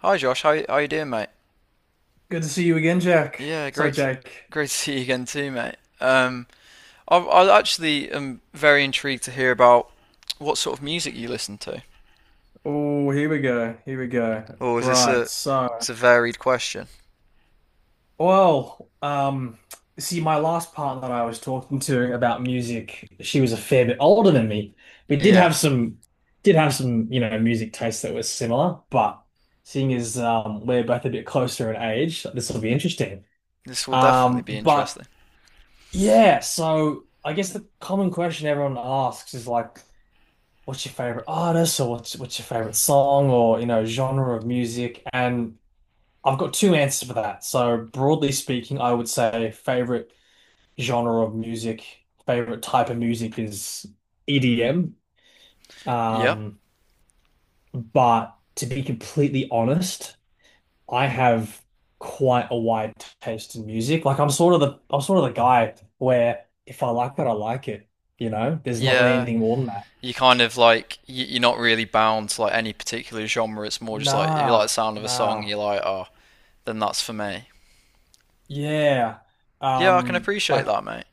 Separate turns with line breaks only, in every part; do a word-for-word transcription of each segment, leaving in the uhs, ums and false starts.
Hi Josh, how how you doing, mate?
Good to see you again, Jack.
Yeah,
So,
great.
Jack,
Great to see you again too, mate. Um, I I actually am very intrigued to hear about what sort of music you listen to.
oh, here we go. Here we go.
Or is this
Right.
a
So,
It's a varied question?
well, um, see, my last partner that I was talking to about music, she was a fair bit older than me. We did
Yeah,
have some, did have some, you know, music tastes that were similar, but seeing as um, we're both a bit closer in age, this will be interesting.
this will definitely
Um,
be
but
interesting.
yeah, so I guess the common question everyone asks is like, what's your favorite artist or what's what's your favorite song or you know genre of music, and I've got two answers for that. So broadly speaking, I would say favorite genre of music, favorite type of music is E D M.
Yep.
Um, but to be completely honest, I have quite a wide taste in music. Like I'm sort of the I'm sort of the guy where if I like it, I like it. You know, there's not really
Yeah.
anything more than that.
You kind of like you, you're not really bound to like any particular genre. It's more just like if you like
Nah,
the sound of a song,
nah.
you're like, oh, then that's for me.
Yeah.
Yeah, I can
Um,
appreciate
like
that, mate.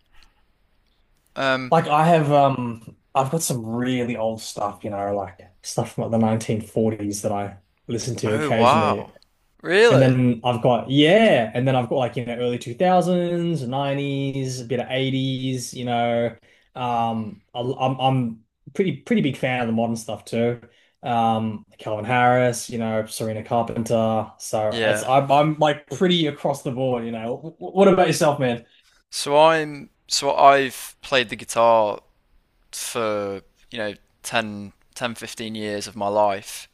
Um.
like I have um I've got some really old stuff, you know, like stuff from like the nineteen forties that I listen to
Oh
occasionally.
wow.
And
Really?
then I've got yeah, and then I've got like, you know, early two thousands, nineties, a bit of eighties, you know. Um I, I'm I'm pretty pretty big fan of the modern stuff too. Um, Calvin Harris, you know, Serena Carpenter. So it's
Yeah.
I'm I'm like pretty across the board, you know. W- w- what about yourself, man?
So I'm so I've played the guitar for, you know, ten, ten, fifteen years of my life.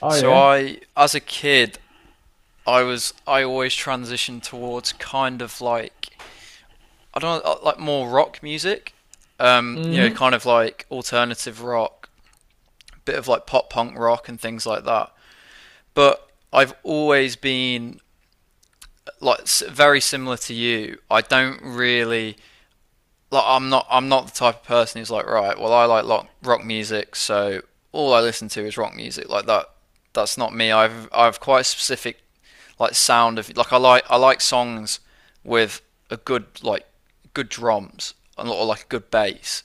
Oh
So
yeah.
I as a kid, I was I always transitioned towards kind of like I don't know, uh, like more rock music. Um, you know,
Hmm.
kind of like alternative rock, a bit of like pop punk rock and things like that. But I've always been like very similar to you. I don't really like, I'm not I'm not the type of person who's like, right, well, I like rock, rock music, so all I listen to is rock music. Like that, that's not me. I've I've quite a specific, like, sound. Of like, I like I like songs with a good like good drums and or like a good bass.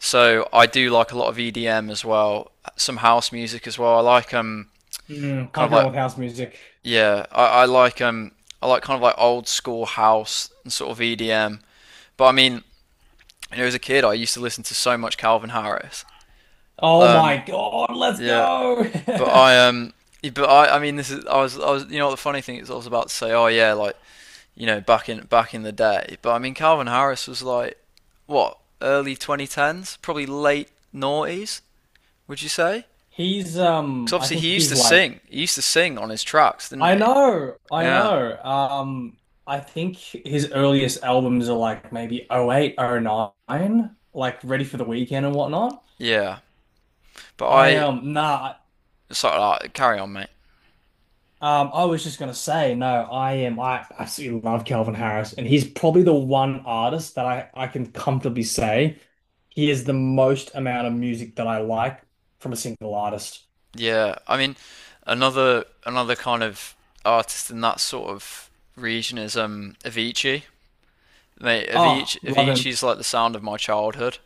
So I do like a lot of E D M as well, some house music as well. I like, um
Mm,
kind of
punk rock
like,
with house music.
yeah, I, I like um I like kind of like old school house and sort of E D M. But I mean, and as a kid, I used to listen to so much Calvin Harris.
Oh my
Um,
God, let's
yeah,
go.
but I um, yeah, but I, I mean, this is I was, I was, you know, the funny thing is, I was about to say, oh, yeah, like, you know, back in back in the day. But I mean, Calvin Harris was like, what, early twenty tens, probably late noughties, would you say?
He's
Because
um I
obviously
think
he used
he's
to
like
sing, he used to sing on his tracks, didn't
I
he?
know, I
Yeah,
know. Um, I think his earliest albums are like maybe oh eight, oh nine, like Ready for the Weekend and whatnot.
yeah. But
I
I,
um nah.
sorry, like, carry on, mate.
Um, I was just gonna say, no, I am. I absolutely love Calvin Harris, and he's probably the one artist that I I can comfortably say he is the most amount of music that I like from a single artist.
Yeah, I mean, another another kind of artist in that sort of region is um Avicii. Mate,
Oh,
Avicii
love him!
Avicii's like the sound of my childhood.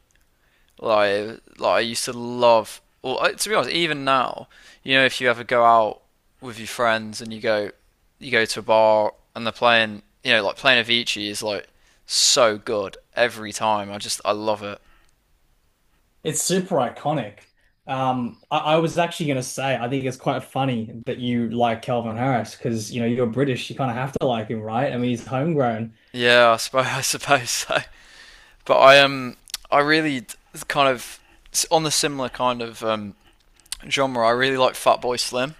Like like I used to love. Well, I- to be honest, even now, you know, if you ever go out with your friends and you go you go to a bar and they're playing, you know, like playing Avicii is like so good every time. I just I love it.
It's super iconic. Um, I, I was actually gonna say, I think it's quite funny that you like Calvin Harris because you know you're British, you kind of have to like him, right? I mean, he's homegrown.
Yeah, I suppose I suppose so. But I um I really kind of on the similar kind of, um, genre. I really like Fatboy Slim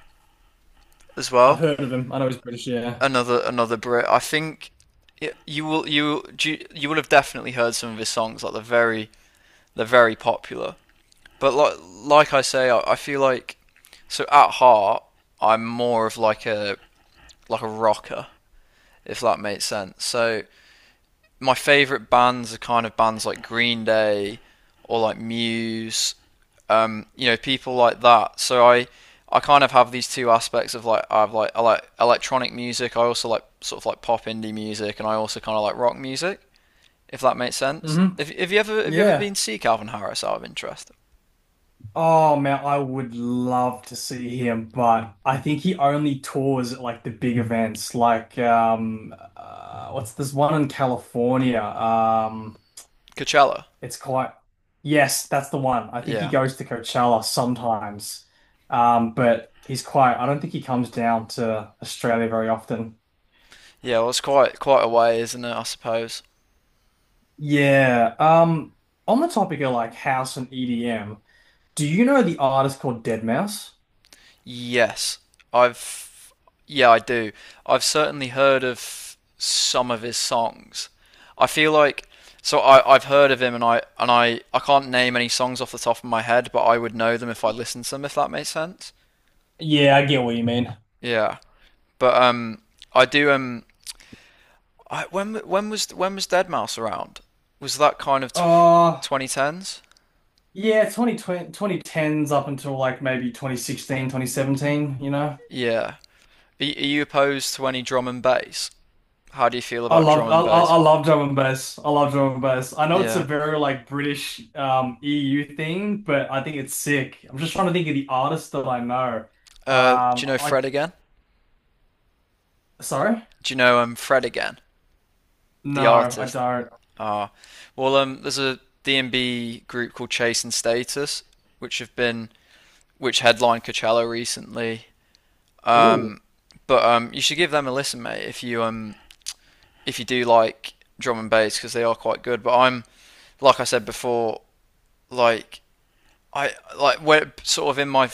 as
I've
well.
heard of him. I know he's British. Yeah.
Another another Brit. I think y you will you you, you will have definitely heard some of his songs. Like they're very they're very popular. But like like I say, I, I feel like, so at heart, I'm more of like a like a rocker, if that makes sense. So my favorite bands are kind of bands like Green Day or like Muse, um, you know, people like that. So I, I kind of have these two aspects of like, I've like I like electronic music. I also like sort of like pop indie music, and I also kind of like rock music. If that makes sense.
Hmm.
Have, have you ever have you ever been
Yeah.
to see Calvin Harris out of interest?
Oh man, I would love to see him, but I think he only tours at like the big events, like um, uh, what's this one in California? Um,
Coachella.
it's quite Yes, that's the one. I think he
Yeah,
goes to Coachella sometimes, um, but he's quite. I don't think he comes down to Australia very often.
yeah. Well, it's quite quite a way, isn't it? I suppose.
Yeah. Um, on the topic of like house and E D M, do you know the artist called Dead Mouse?
Yes, I've yeah, I do. I've certainly heard of some of his songs. I feel like, so I I've heard of him, and I and I I can't name any songs off the top of my head, but I would know them if I listened to them, if that makes sense.
Yeah, I get what you mean.
Yeah, but um, I do, um, I when when was when was Dead Mouse around? Was that kind of twenty tens?
Yeah, twenty twenty, up until like maybe twenty sixteen, twenty seventeen. You know.
Yeah. Are, y- are you opposed to any drum and bass? How do you feel
I
about drum
loved I,
and
I
bass?
I love drum and bass. I love drum and bass. I know it's a
Yeah.
very like British um E U thing, but I think it's sick. I'm just trying to think of the artists that I know.
Uh, do you
Um,
know
like
Fred again?
sorry?
Do you know um Fred again, the
No, I
artist?
don't.
Ah, well, um there's a D and B group called Chase and Status, which have been which headlined Coachella recently.
Ooh.
Um, but um you should give them a listen, mate, if you, um if you do like drum and bass, because they are quite good. But I'm, like I said before, like, I like where, sort of, in my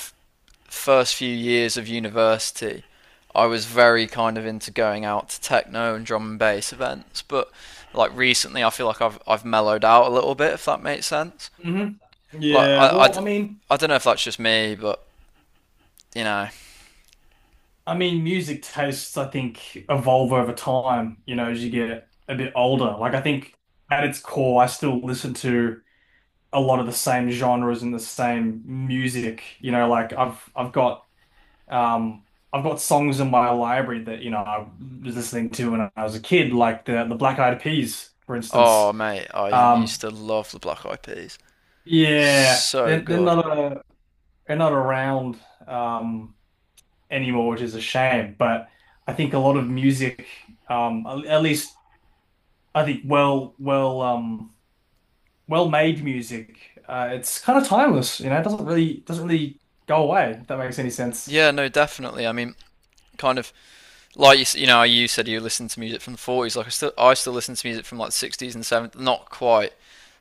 first few years of university, I was very kind of into going out to techno and drum and bass events, but, like, recently, I feel like I've I've mellowed out a little bit, if that makes sense.
Hmm.
Like,
Yeah,
I I I,
well,
d-
I mean
I don't know if that's just me, but you know.
I mean music tastes I think evolve over time, you know, as you get a bit older. Like I think at its core, I still listen to a lot of the same genres and the same music. You know, like I've I've got um I've got songs in my library that, you know, I was listening to when I was a kid, like the the Black Eyed Peas, for
Oh,
instance.
mate, I used
Um
to love the Black Eyed Peas,
yeah,
so
they're they're
good.
not a, they're not around um anymore, which is a shame. But I think a lot of music, um at at least I think well well um well-made music. Uh, it's kind of timeless, you know. It doesn't really doesn't really go away, if that makes any sense.
Yeah, no, definitely. I mean, kind of like you, you know, you said you listen to music from the forties. Like I still, I still listen to music from like the sixties and seventies. Not quite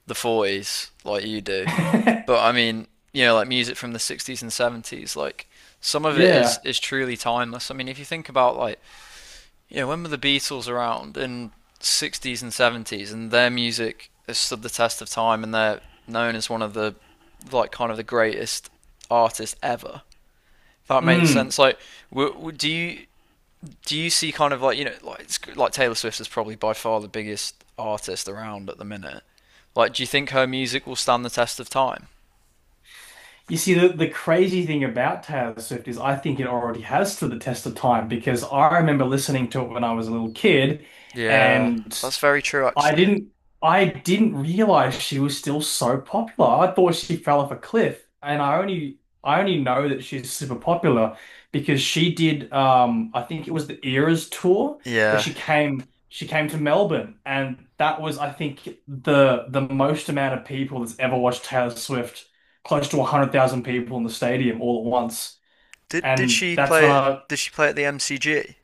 the forties like you do, but I mean, you know, like, music from the sixties and seventies. Like some of it is
Yeah.
is truly timeless. I mean, if you think about, like, you know, when were the Beatles around, in sixties and seventies, and their music has stood the test of time, and they're known as one of the like kind of the greatest artists ever. If that makes
Mm.
sense. Like, do you do you see, kind of, like you know like it's, like Taylor Swift is probably by far the biggest artist around at the minute. Like, do you think her music will stand the test of time?
You see, the, the crazy thing about Taylor Swift is I think it already has stood the test of time because I remember listening to it when I was a little kid,
Yeah,
and
that's very true,
I
actually.
didn't I didn't realize she was still so popular. I thought she fell off a cliff, and I only I only know that she's super popular because she did um I think it was the Eras tour where
Yeah.
she came she came to Melbourne, and that was I think the the most amount of people that's ever watched Taylor Swift, close to one hundred thousand people in the stadium all at once.
Did did
And
she
that's when
play
I
did she play at the M C G?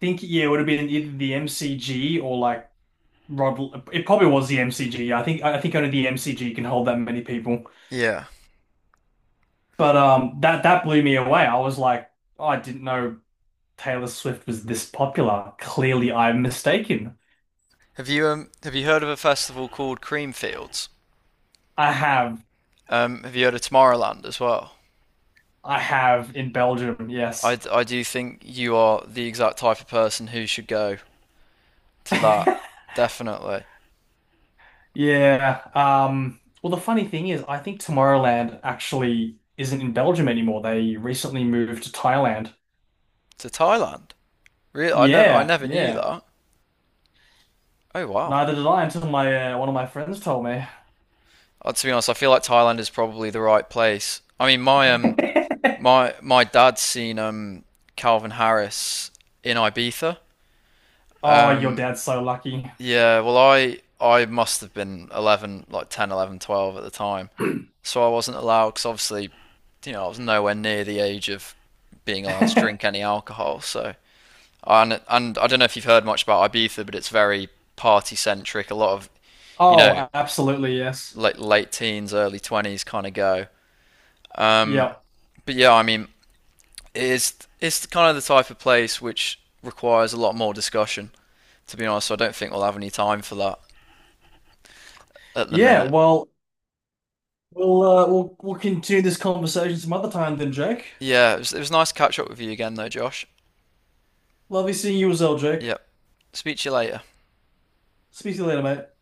think yeah, it would have been either the M C G or like Rod, it probably was the M C G. I think I think only the M C G can hold that many people.
Yeah.
But um, that that blew me away. I was like, oh, I didn't know Taylor Swift was this popular. Clearly, I'm mistaken.
Have you um have you heard of a festival called Creamfields?
I have
Um, have you heard of Tomorrowland as well?
I have in Belgium,
I
yes.
I do think you are the exact type of person who should go to that. Definitely
Yeah. Um, well, the funny thing is, I think Tomorrowland actually isn't in Belgium anymore. They recently moved to Thailand.
to Thailand. Really, I never I
Yeah,
never knew
yeah.
that. Oh wow.
Neither did I until my uh, one of my friends told me.
Uh, to be honest, I feel like Thailand is probably the right place. I mean, my um, my my dad's seen um Calvin Harris in Ibiza.
Oh, your
Um,
dad's so lucky.
yeah. Well, I I must have been eleven, like ten, eleven, twelve at the time, so I wasn't allowed, because obviously, you know, I was nowhere near the age of being allowed to drink any alcohol. So and and I don't know if you've heard much about Ibiza, but it's very party centric. A lot of, you know,
Oh, absolutely, yes.
like, late teens, early twenties kind of go. Um,
Yeah.
But yeah, I mean, it's it's kind of the type of place which requires a lot more discussion. To be honest, so I don't think we'll have any time for that at the
Yeah,
minute.
well, we'll uh, we'll we'll continue this conversation some other time then, Jake.
Yeah, it was, it was nice to catch up with you again, though, Josh.
Lovely seeing you as well, Jake.
Yep. Speak to you later.
Speak to you later, mate.